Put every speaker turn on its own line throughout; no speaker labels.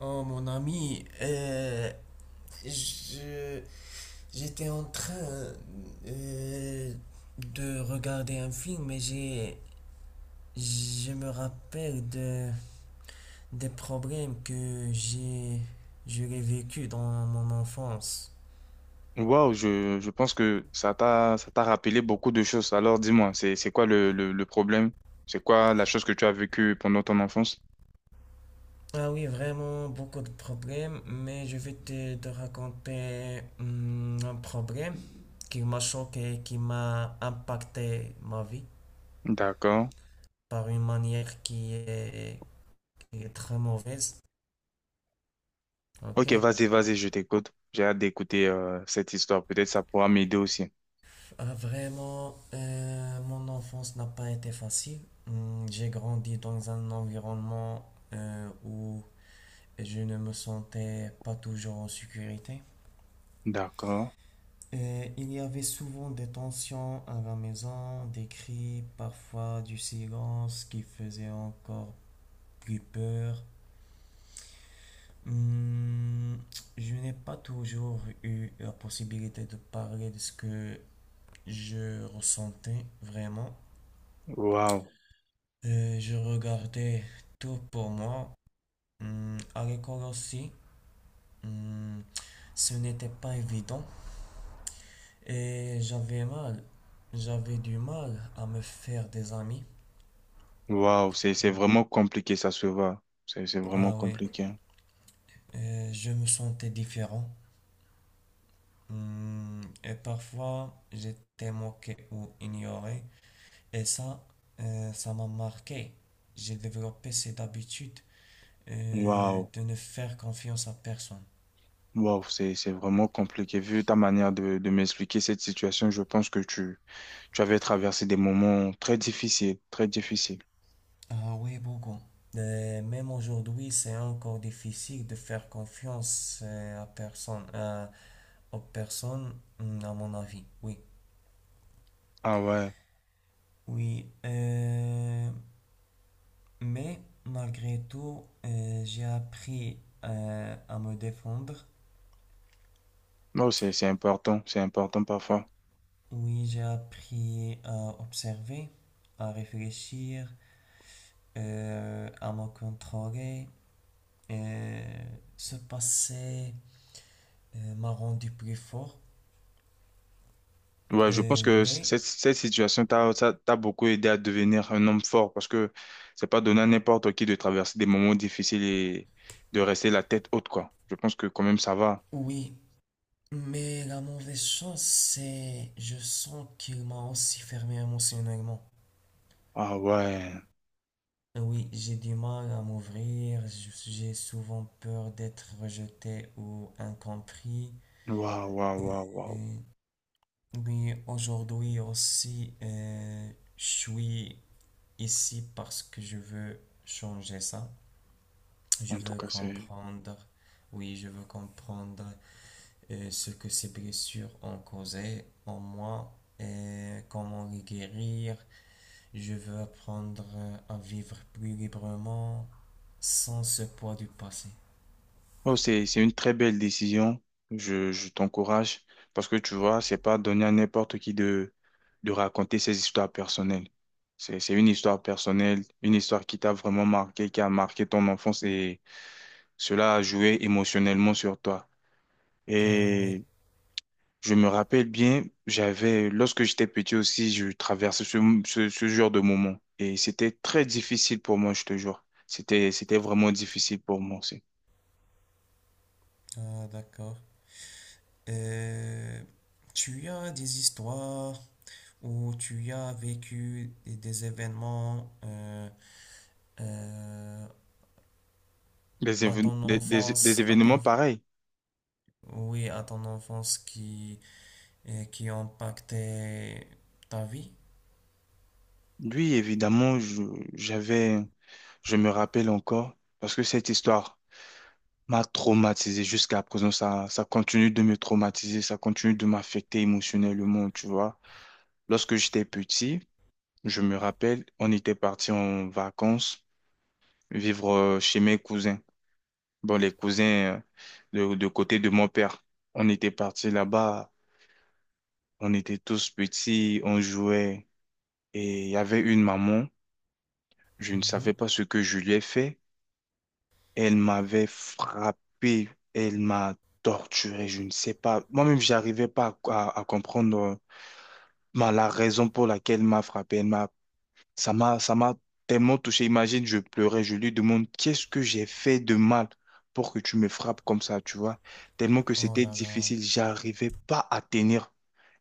Oh mon ami, je, j'étais en train euh, de regarder un film et je me rappelle des problèmes que j'aurais vécu dans mon enfance.
Waouh, je pense que ça t'a rappelé beaucoup de choses. Alors dis-moi, c'est quoi le problème? C'est quoi la chose que tu as vécue pendant ton enfance?
Ah oui, vraiment beaucoup de problèmes, mais je vais te raconter un problème qui m'a choqué, qui m'a impacté ma vie
D'accord.
par une manière qui est très mauvaise.
Ok,
Ok.
vas-y, je t'écoute. J'ai hâte d'écouter cette histoire. Peut-être ça pourra m'aider aussi.
Vraiment, mon enfance n'a pas été facile. J'ai grandi dans un environnement où je ne me sentais pas toujours en sécurité.
D'accord.
Et il y avait souvent des tensions à la maison, des cris, parfois du silence qui faisait encore plus peur. Hum, je n'ai pas toujours eu la possibilité de parler de ce que je ressentais vraiment.
Waouh.
Je regardais tout pour moi. À l'école aussi, hum, ce n'était pas évident et j'avais mal. J'avais du mal à me faire des amis.
Waouh, c'est
Hum,
vraiment compliqué, ça se voit. C'est vraiment
Ah oui.
compliqué.
Je me sentais différent. Et parfois, j'étais moqué ou ignoré. Et ça, ça m'a marqué. J'ai développé cette habitude
Waouh.
de ne faire confiance à personne.
Waouh, c'est vraiment compliqué. Vu ta manière de m'expliquer cette situation, je pense que tu avais traversé des moments très difficiles, très difficiles.
Ah oui, beaucoup. Même aujourd'hui, c'est encore difficile de faire confiance à personne, aux personnes, mm, à mon avis. Oui.
Ah ouais,
Oui. Mais malgré tout, j'ai appris à me défendre.
non, c'est important, c'est important parfois.
Oui, j'ai appris à observer, à réfléchir, à me contrôler. Euh, Ce passé m'a rendu plus fort.
Ouais, je pense
Euh,
que c-
mais
cette, cette situation t'a ça t'a beaucoup aidé à devenir un homme fort parce que c'est pas donné à n'importe qui de traverser des moments difficiles et de rester la tête haute, quoi. Je pense que quand même ça va.
oui. Mais la mauvaise chose, c'est je sens qu'il m'a aussi fermé émotionnellement.
Ah ouais,
Oui, j'ai du mal à m'ouvrir, j'ai souvent peur d'être rejeté ou incompris.
waouh, waouh, waouh, waouh.
Euh, oui, aujourd'hui aussi, je suis ici parce que je veux changer ça. Je
En tout
veux
cas, c'est.
comprendre, oui, je veux comprendre ce que ces blessures ont causé en moi et comment les guérir. Je veux apprendre à vivre plus librement sans ce poids du passé.
Oh, c'est une très belle décision. Je t'encourage parce que tu vois, c'est pas donné à n'importe qui de raconter ses histoires personnelles. C'est une histoire personnelle, une histoire qui t'a vraiment marqué, qui a marqué ton enfance et cela a joué émotionnellement sur toi.
Ah oui,
Et je me rappelle bien, j'avais, lorsque j'étais petit aussi, je traversais ce genre de moment et c'était très difficile pour moi, je te jure. C'était vraiment difficile pour moi aussi.
ah, d'accord. Euh, Tu as des histoires où tu as vécu des événements euh,
Des,
à
évén-
ton
des, des, des
enfance,
événements pareils.
oui, à ton enfance qui impactaient ta vie?
Lui, évidemment, j'avais, je me rappelle encore, parce que cette histoire m'a traumatisé jusqu'à présent. Ça continue de me traumatiser, ça continue de m'affecter émotionnellement, tu vois. Lorsque j'étais petit, je me rappelle, on était parti en vacances vivre chez mes cousins. Bon, les cousins de côté de mon père. On était parti là-bas, on était tous petits, on jouait, et il y avait une maman. Je ne savais
Mhm.
pas ce que je lui ai fait. Elle m'avait frappé, elle m'a torturé, je ne sais pas. Moi-même, j'arrivais pas à comprendre ben, la raison pour laquelle elle m'a frappé. Elle m'a, ça m'a tellement touché. Imagine, je pleurais, je lui demande, qu'est-ce que j'ai fait de mal pour que tu me frappes comme ça, tu vois? Tellement que
Oh
c'était
là là.
difficile, j'arrivais pas à tenir.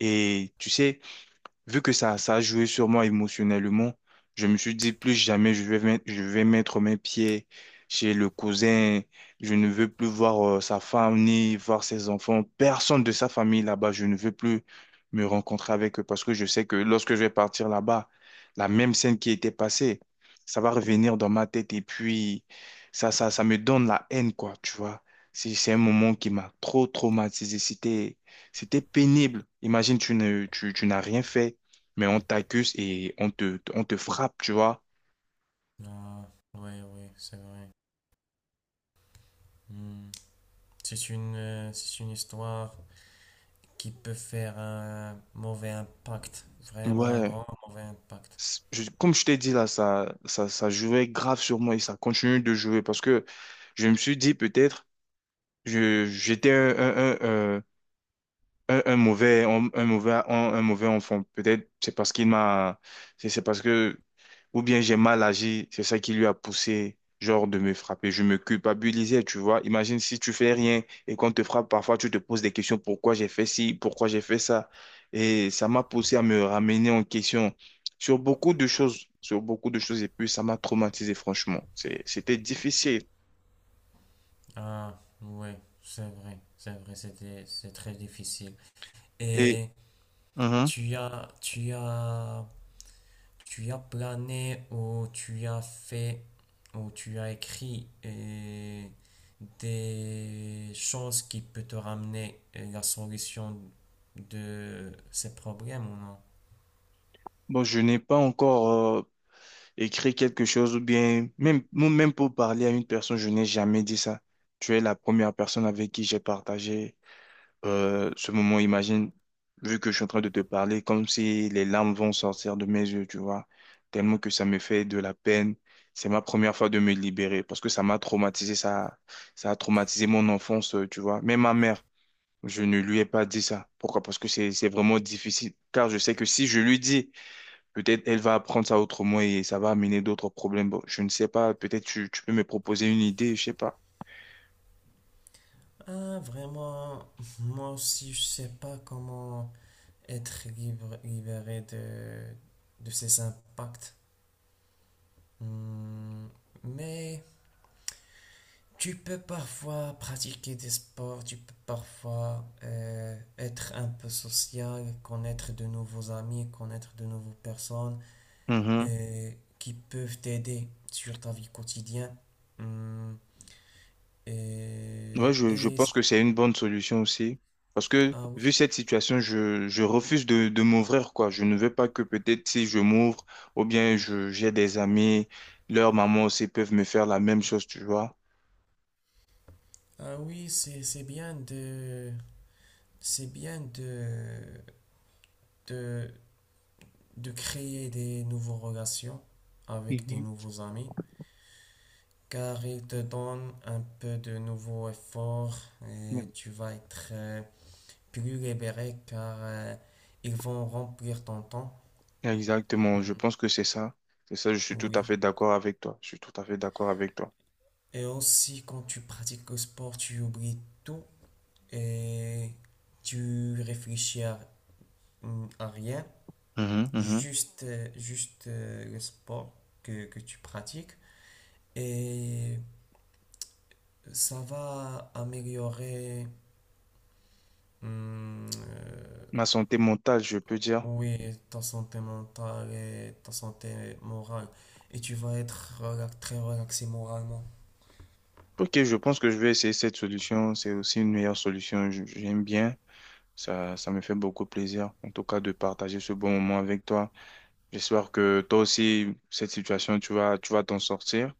Et tu sais, vu que ça a joué sur moi émotionnellement, je me suis dit plus jamais je vais mettre mes pieds chez le cousin. Je ne veux plus voir sa femme ni voir ses enfants. Personne de sa famille là-bas. Je ne veux plus me rencontrer avec eux parce que je sais que lorsque je vais partir là-bas, la même scène qui était passée, ça va revenir dans ma tête et puis ça me donne la haine, quoi, tu vois. C'est un moment qui m'a trop traumatisé. C'était pénible. Imagine, tu ne, tu tu n'as rien fait mais on t'accuse et on te frappe, tu vois.
Ah, oui, oui, c'est vrai. Hmm. C'est une histoire qui peut faire un mauvais impact, vraiment un
Ouais,
grand mauvais impact.
Comme je t'ai dit là, ça jouait grave sur moi et ça continue de jouer parce que je me suis dit peut-être, j'étais un mauvais, un mauvais, un mauvais enfant. Peut-être c'est parce que, ou bien j'ai mal agi, c'est ça qui lui a poussé, genre, de me frapper. Je me culpabilisais, tu vois. Imagine si tu fais rien et qu'on te frappe, parfois tu te poses des questions, pourquoi j'ai fait ci, pourquoi j'ai fait ça. Et ça m'a poussé à me ramener en question sur beaucoup de choses, sur beaucoup de choses. Et puis ça m'a traumatisé, franchement. C'était difficile.
Ah, ouais, c'est vrai, c'était, c'est très difficile.
Et
Et
mhm.
tu as, tu as, tu as plané ou tu as fait ou tu as écrit des choses qui peut te ramener la solution de ces problèmes ou non?
Bon, je n'ai pas encore euh, écrire quelque chose ou bien même pour parler à une personne, je n'ai jamais dit ça. Tu es la première personne avec qui j'ai partagé ce moment. Imagine, vu que je suis en train de te parler, comme si les larmes vont sortir de mes yeux, tu vois, tellement que ça me fait de la peine. C'est ma première fois de me libérer parce que ça m'a traumatisé, ça a traumatisé mon enfance, tu vois. Même ma mère, je ne lui ai pas dit ça. Pourquoi? Parce que c'est vraiment difficile. Car je sais que si je lui dis, peut-être elle va apprendre ça autrement et ça va amener d'autres problèmes. Bon, je ne sais pas. Peut-être tu peux me proposer une idée, je sais pas.
Ah, vraiment, moi aussi, je sais pas comment. Être libre, libéré de ses impacts. Hmm. Mais tu peux parfois pratiquer des sports, tu peux parfois être un peu social, connaître de nouveaux amis, connaître de nouvelles personnes
Mhm.
euh, qui peuvent t'aider sur ta vie quotidienne. Hmm,
Ouais,
et,
je
et-
pense que c'est une bonne solution aussi. Parce que
ah oui,
vu cette situation, je refuse de m'ouvrir, quoi. Je ne veux pas que peut-être si je m'ouvre ou bien j'ai des amis, leurs mamans aussi peuvent me faire la même chose, tu vois.
ah oui, c'est bien de de créer des nouvelles relations avec des
Mhm.
nouveaux amis, car ils te donnent un peu de nouveaux efforts et
Mm.
tu vas être plus libéré car ils vont remplir ton temps.
Exactement. Je
Mm.
pense que c'est ça. C'est ça, je suis tout
Oui.
à fait d'accord avec toi. Je suis tout à fait d'accord avec toi.
Et aussi, quand tu pratiques le sport, tu oublies tout et tu réfléchis à, mm, à rien,
Mhm, mhm.
juste, juste le sport que tu pratiques. Et ça va améliorer, hum, euh,
Ma santé mentale, je peux dire.
oui, ta santé mentale et ta santé morale. Et tu vas être très relaxé moralement.
Ok, je pense que je vais essayer cette solution. C'est aussi une meilleure solution. J'aime bien. Ça me fait beaucoup plaisir, en tout cas, de partager ce bon moment avec toi. J'espère que toi aussi, cette situation, tu vas t'en sortir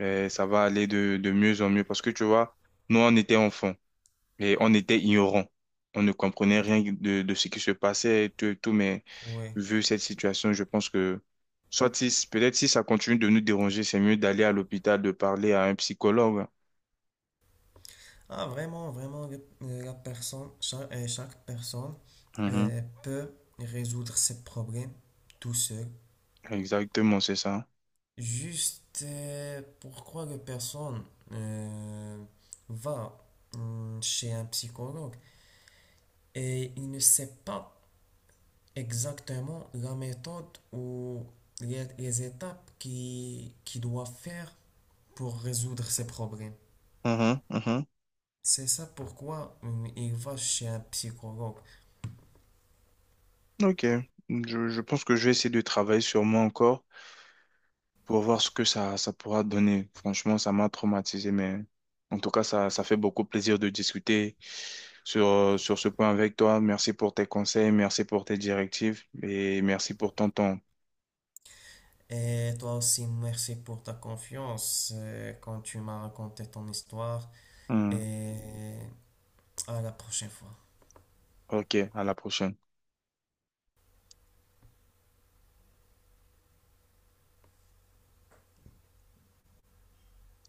et ça va aller de mieux en mieux parce que tu vois, nous, on était enfants et on était ignorants. On ne comprenait rien de ce qui se passait et tout, mais
Oui.
vu cette situation, je pense que soit si, peut-être si ça continue de nous déranger, c'est mieux d'aller à l'hôpital, de parler à un psychologue.
Ah, vraiment, vraiment, chaque personne
Mhm.
peut résoudre ses problèmes tout seul.
Exactement, c'est ça.
Juste pourquoi la personne euh, va chez un psychologue et il ne sait pas exactement la méthode ou les étapes qui doit faire pour résoudre ses problèmes.
Mhm, mhm.
C'est ça pourquoi il va chez un psychologue.
Ok. Je pense que je vais essayer de travailler sur moi encore pour voir ce que ça pourra donner. Franchement, ça m'a traumatisé, mais en tout cas, ça fait beaucoup plaisir de discuter sur, sur ce point avec toi. Merci pour tes conseils, merci pour tes directives et merci pour ton temps.
Et toi aussi, merci pour ta confiance quand tu m'as raconté ton histoire.
Hmm.
Et à la prochaine fois.
Ok, à la prochaine.